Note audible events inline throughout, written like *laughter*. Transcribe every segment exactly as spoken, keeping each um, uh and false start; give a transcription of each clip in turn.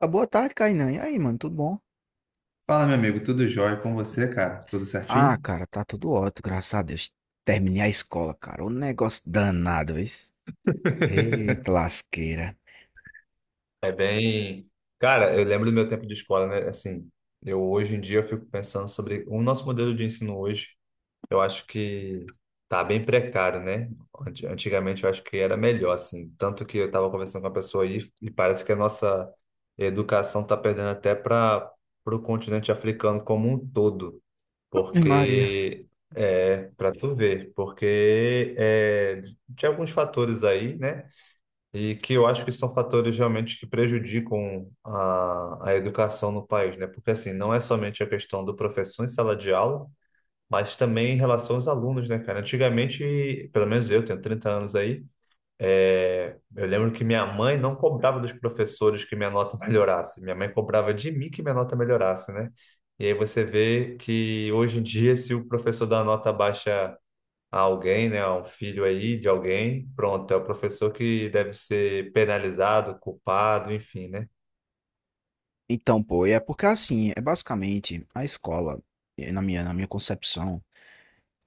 Ah, boa tarde, Kainan. E aí, mano, tudo bom? Fala, meu amigo, tudo jóia com você, cara? Tudo Ah, certinho? cara, tá tudo ótimo, graças a Deus. Terminei a escola, cara. Um negócio danado, isso. *laughs* Eita, lasqueira. É bem. Cara, eu lembro do meu tempo de escola, né? Assim, eu hoje em dia eu fico pensando sobre o nosso modelo de ensino hoje. Eu acho que tá bem precário, né? Anti- Antigamente eu acho que era melhor, assim. Tanto que eu tava conversando com uma pessoa aí e parece que a nossa educação tá perdendo até para o continente africano como um todo. Ave Maria. Porque é para tu ver, porque é, tinha alguns fatores aí, né? E que eu acho que são fatores realmente que prejudicam a, a educação no país, né? Porque assim, não é somente a questão do professor em sala de aula, mas também em relação aos alunos, né, cara? Antigamente, pelo menos eu tenho trinta anos aí. É, eu lembro que minha mãe não cobrava dos professores que minha nota melhorasse. Minha mãe cobrava de mim que minha nota melhorasse, né? E aí você vê que hoje em dia, se o professor dá uma nota baixa a alguém, né, a um filho aí de alguém, pronto, é o professor que deve ser penalizado, culpado, enfim, né? Então, pô, é porque assim, é basicamente a escola, eh, na minha, na minha concepção,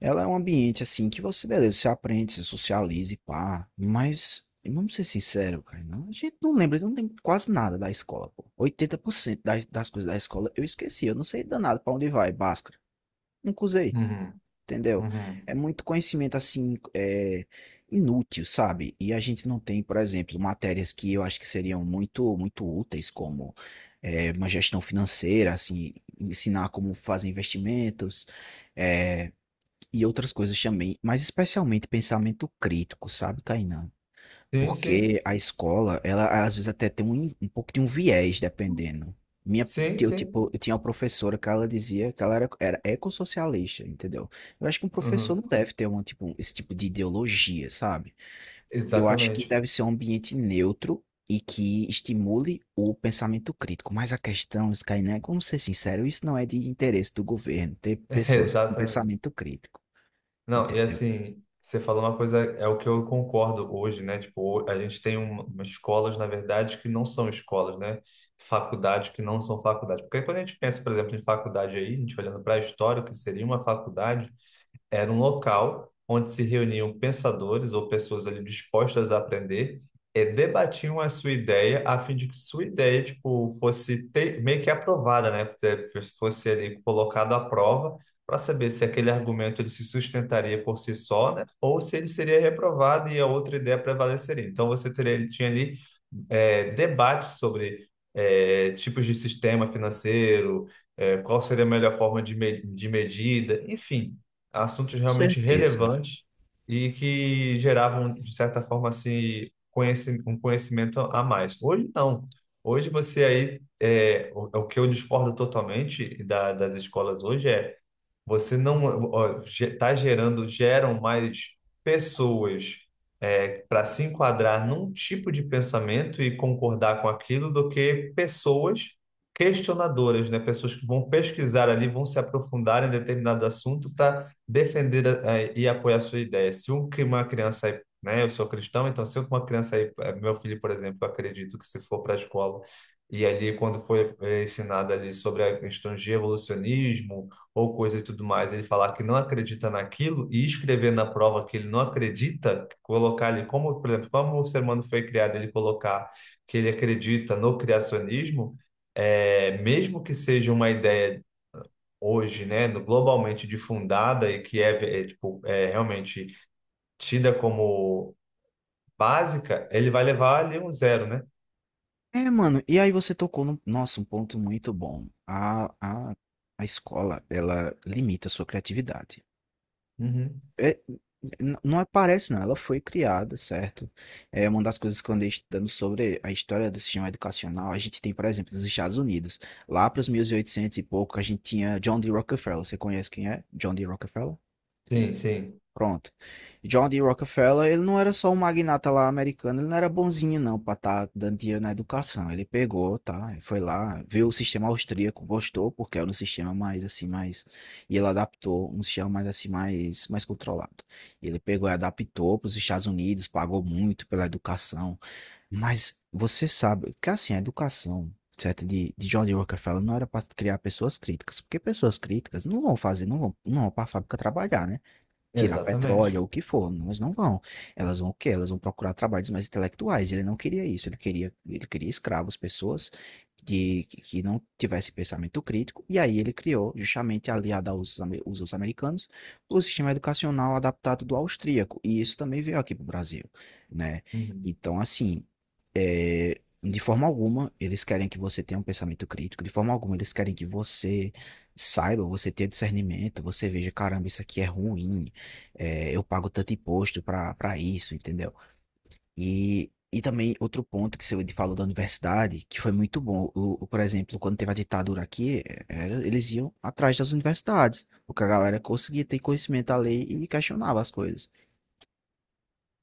ela é um ambiente assim que você, beleza, você aprende, se socializa e pá. Mas, vamos ser sinceros, cara, não, a gente não lembra, não lembra quase nada da escola, pô. Oitenta por cento das, das coisas da escola eu esqueci, eu não sei danado pra onde vai, báscara. Nunca usei. Uhum, Entendeu? uhum. É muito conhecimento assim, é, inútil, sabe? E a gente não tem, por exemplo, matérias que eu acho que seriam muito, muito úteis, como é, uma gestão financeira, assim, ensinar como fazer investimentos, é, e outras coisas também, mas especialmente pensamento crítico, sabe, Kainan? Sim, sim, Porque a escola, ela às vezes até tem um, um pouco de um viés, dependendo. Minha, sim, eu, sim. tipo, eu tinha uma professora que ela dizia que ela era, era ecossocialista, entendeu? Eu acho que um professor não Uhum. deve ter uma, tipo, esse tipo de ideologia, sabe? Eu acho que Exatamente, deve ser um ambiente neutro e que estimule o pensamento crítico. Mas a questão, Skynet, vamos ser sinceros, isso não é de interesse do governo ter *laughs* pessoas com exatamente. pensamento crítico, Não, e entendeu? assim, você falou uma coisa, é o que eu concordo hoje, né? Tipo, a gente tem um- umas escolas, na verdade, que não são escolas, né? Faculdades que não são faculdades. Porque quando a gente pensa, por exemplo, em faculdade aí, a gente olhando para a história, o que seria uma faculdade, era um local onde se reuniam pensadores ou pessoas ali dispostas a aprender e debatiam a sua ideia a fim de que sua ideia tipo fosse te- meio que aprovada, né? Fosse ali colocado à prova para saber se aquele argumento ele se sustentaria por si só, né? Ou se ele seria reprovado e a outra ideia prevaleceria. Então você teria, tinha ali é, debates sobre é, tipos de sistema financeiro, é, qual seria a melhor forma de, me- de medida, enfim, assuntos Com realmente certeza. relevantes e que geravam, de certa forma, assim, conheci- um conhecimento a mais. Hoje, não. Hoje você aí, é, o, é o que eu discordo totalmente da- das escolas hoje é você não está gerando, geram mais pessoas para se enquadrar num tipo de pensamento e concordar com aquilo do que pessoas questionadoras, né? Pessoas que vão pesquisar ali, vão se aprofundar em determinado assunto para defender eh, e apoiar a sua ideia. Se um- que uma criança é, né? Eu sou cristão, então se uma criança, aí, eh, meu filho, por exemplo, eu acredito que se for para a escola e ali quando foi eh, ensinado ali sobre a questão de evolucionismo, ou coisa e tudo mais, ele falar que não acredita naquilo e escrever na prova que ele não acredita, colocar ali como, por exemplo, como o ser humano foi criado, ele colocar que ele acredita no criacionismo, é, mesmo que seja uma ideia hoje, né, no- globalmente difundada e que é, é, tipo, é realmente tida como básica, ele vai levar ali um zero, né? É, mano, e aí você tocou no, nossa, um ponto muito bom. A, a, a escola, ela limita a sua criatividade. Uhum. É, n- não aparece, não, ela foi criada, certo? É uma das coisas que eu andei estudando sobre a história do sistema educacional. A gente tem, por exemplo, nos Estados Unidos, lá para os mil e oitocentos e pouco, a gente tinha John D. Rockefeller. Você conhece quem é? John D. Rockefeller? Sim, sim, Pronto. John D. Rockefeller, ele não era só um magnata lá americano, ele não era bonzinho não para estar dando dinheiro na educação. Ele pegou, tá? Foi lá, viu o sistema austríaco, gostou, porque era um sistema mais assim, mais... E ele adaptou um sistema mais assim, mais, mais controlado. Ele pegou e adaptou para os Estados Unidos, pagou muito pela educação. Mas você sabe que assim, a educação... Certo? De, de John D. Rockefeller não era para criar pessoas críticas, porque pessoas críticas não vão fazer, não vão, não vão para a fábrica trabalhar, né? Tirar exatamente. petróleo ou o que for, mas não vão. Elas vão o quê? Elas vão procurar trabalhos mais intelectuais. Ele não queria isso, ele queria, ele queria escravos, pessoas de, que não tivessem pensamento crítico, e aí ele criou, justamente aliado aos ame- usos americanos, o sistema educacional adaptado do austríaco, e isso também veio aqui para o Brasil, né? Uhum. Então, assim, é, de forma alguma, eles querem que você tenha um pensamento crítico, de forma alguma, eles querem que você saiba, você tenha discernimento, você veja, caramba, isso aqui é ruim, é, eu pago tanto imposto para para isso, entendeu? E, e também outro ponto que você falou da universidade, que foi muito bom. O, o, por exemplo, quando teve a ditadura aqui, é, era- eles iam atrás das universidades, porque a galera conseguia ter conhecimento da lei e questionava as coisas.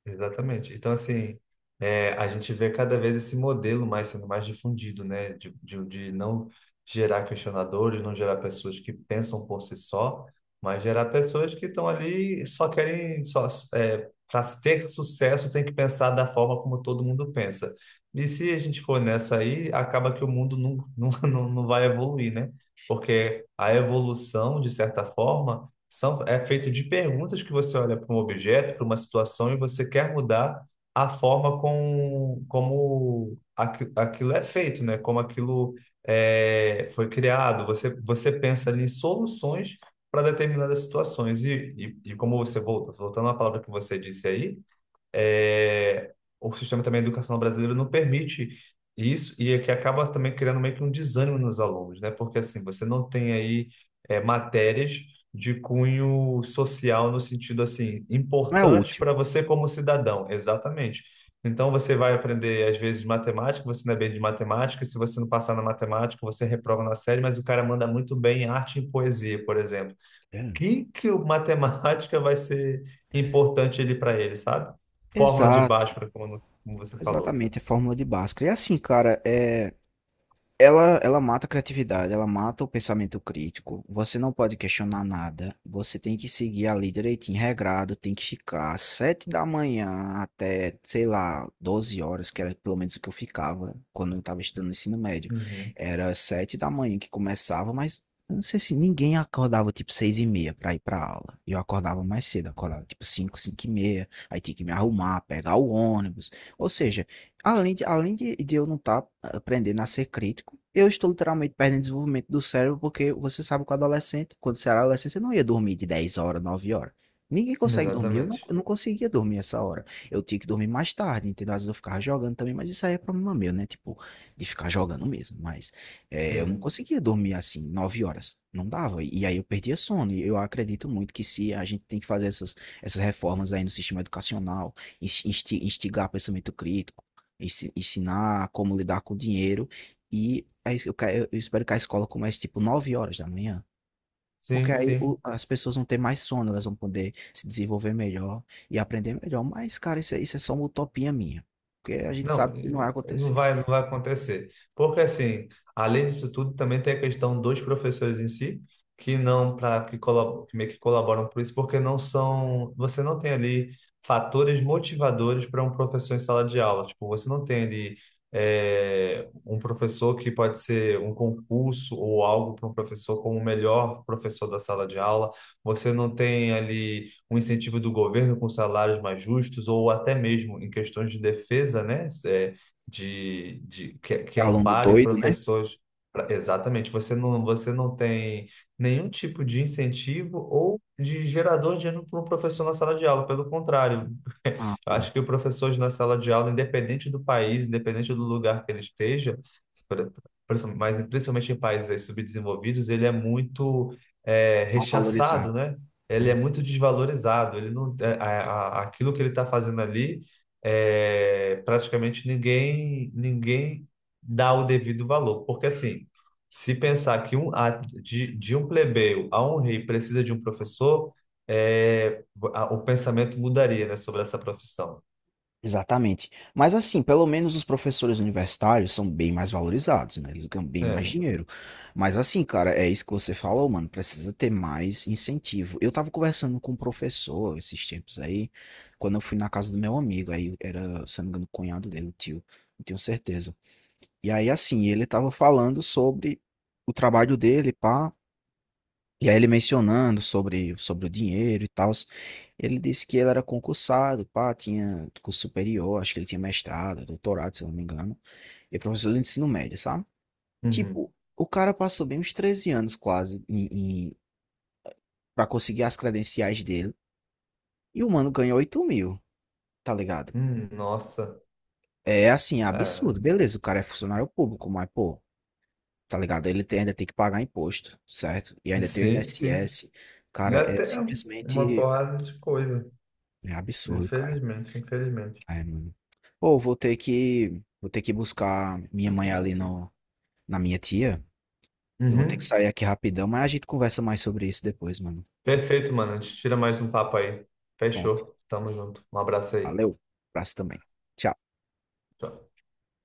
Exatamente. Então, assim, é, a gente vê cada vez esse modelo mais sendo mais difundido, né? De, de, de não gerar questionadores, não gerar pessoas que pensam por si só, mas gerar pessoas que estão ali e só querem, só, é, para ter sucesso, tem que pensar da forma como todo mundo pensa. E se a gente for nessa aí, acaba que o mundo não, *laughs* não, não não vai evoluir, né? Porque a evolução, de certa forma, são, é feito de perguntas que você olha para um objeto, para uma situação, e você quer mudar a forma com, como aqui- aquilo é feito, né? Como aquilo é, foi criado. Você, você pensa ali em soluções para determinadas situações. E, e, e como você volta, voltando à palavra que você disse aí, é, o sistema também educacional brasileiro não permite isso e é que acaba também criando meio que um desânimo nos alunos, né? Porque assim, você não tem aí é, matérias de cunho social no sentido assim, Não é importante útil. para você como cidadão, exatamente. Então você vai aprender às vezes matemática, você não é bem de matemática, e se você não passar na matemática, você reprova na série, mas o cara manda muito bem em arte e em poesia, por exemplo, É. que que o matemática vai ser importante ele para ele, sabe? Fórmula de Exato, Bhaskara, como, como você falou. exatamente, é fórmula de Bhaskara. E assim, cara, é. Ela, ela mata a criatividade, ela mata o pensamento crítico. Você não pode questionar nada. Você tem que seguir ali direitinho, regrado. Tem que ficar às sete da manhã até, sei lá, doze horas, que era pelo menos o que eu ficava quando eu estava estudando no ensino médio. Uhum. Era sete da manhã que começava, mas eu não sei se ninguém acordava tipo seis e meia para ir para aula. Eu acordava mais cedo, acordava tipo cinco, cinco e meia. Aí tinha que me arrumar, pegar o ônibus. Ou seja, além de, além de, de eu não estar aprendendo a ser crítico, eu estou literalmente perdendo desenvolvimento do cérebro, porque você sabe que o adolescente, quando você era adolescente, você não ia dormir de dez horas, nove horas. Ninguém consegue dormir, eu não, Exatamente. eu não conseguia dormir essa hora. Eu tinha que dormir mais tarde, entendeu? Às vezes eu ficava jogando também, mas isso aí é problema meu, né? Tipo, de ficar jogando mesmo. Mas é, eu não Sim, conseguia dormir assim, nove horas. Não dava. E aí eu perdia sono. E eu acredito muito que se a gente tem que fazer essas, essas reformas aí no sistema educacional, insti- insti- instigar pensamento crítico, ensi- ensinar como lidar com o dinheiro. E aí eu, ca- eu espero que a escola comece tipo nove horas da manhã. Porque sim, aí sim. o- as pessoas vão ter mais sono, elas vão poder se desenvolver melhor e aprender melhor. Mas, cara, isso é, isso é só uma utopia minha. Porque a gente Não, sabe que não vai eh, não acontecer. vai, não vai acontecer. Porque, assim, além disso tudo, também tem a questão dos professores em si, que não, para que, colab- que meio que colaboram por isso, porque não são, você não tem ali fatores motivadores para um professor em sala de aula. Tipo, você não tem ali eh, um professor que pode ser um concurso ou algo para um professor como o melhor professor da sala de aula. Você não tem ali um incentivo do governo com salários mais justos, ou até mesmo em questões de defesa, né? É, de, de que, que É aluno ampare doido, né? professores. Pra- Exatamente, você não, você não tem nenhum tipo de incentivo ou de gerador de ânimo para um professor na sala de aula, pelo contrário, Ah, eu pô, acho que o professor na sala de aula, independente do país, independente do lugar que ele esteja, pri- principal- mas principalmente em países aí subdesenvolvidos, ele é muito é, não valorizado. rechaçado, né? Ele é É. muito desvalorizado. Ele não, é, a- a- aquilo que ele está fazendo ali, é, praticamente ninguém ninguém dá o devido valor, porque assim se pensar que um, a- de, de um plebeu a um rei precisa de um professor, é, a- o pensamento mudaria, né, sobre essa profissão. Exatamente. Mas assim, pelo menos os professores universitários são bem mais valorizados, né? Eles ganham bem mais É. dinheiro. Mas assim, cara, é isso que você falou, mano. Precisa ter mais incentivo. Eu tava conversando com um professor esses tempos aí, quando eu fui na casa do meu amigo. Aí era, se não me engano, o cunhado dele, o tio. Não tenho certeza. E aí, assim, ele tava falando sobre o trabalho dele, pá. E aí ele mencionando sobre, sobre o dinheiro e tal, ele disse que ele era concursado, pá, tinha curso superior, acho que ele tinha mestrado, doutorado, se eu não me engano, e professor de ensino médio, sabe? Uhum. Tipo, o cara passou bem uns treze anos quase em, em, pra conseguir as credenciais dele, e o mano ganhou oito mil, tá ligado? Hum, nossa. É assim, é É. absurdo, beleza, o cara é funcionário público, mas pô, tá ligado? Ele tem- ainda tem que pagar imposto, certo? E ainda tem o Sim, sim. I N S S, Dá cara, é até uma simplesmente porrada de coisa. é absurdo, cara. Infelizmente, infelizmente. É, mano. Ou vou ter que, vou ter que buscar minha mãe ali no, na minha tia. Eu vou ter que Uhum. sair aqui rapidão, mas a gente conversa mais sobre isso depois, mano. Perfeito, mano. A gente tira mais um papo aí. Pronto. Fechou. Tamo junto. Um abraço aí. Valeu. Abraço também. Tchau. Tchau.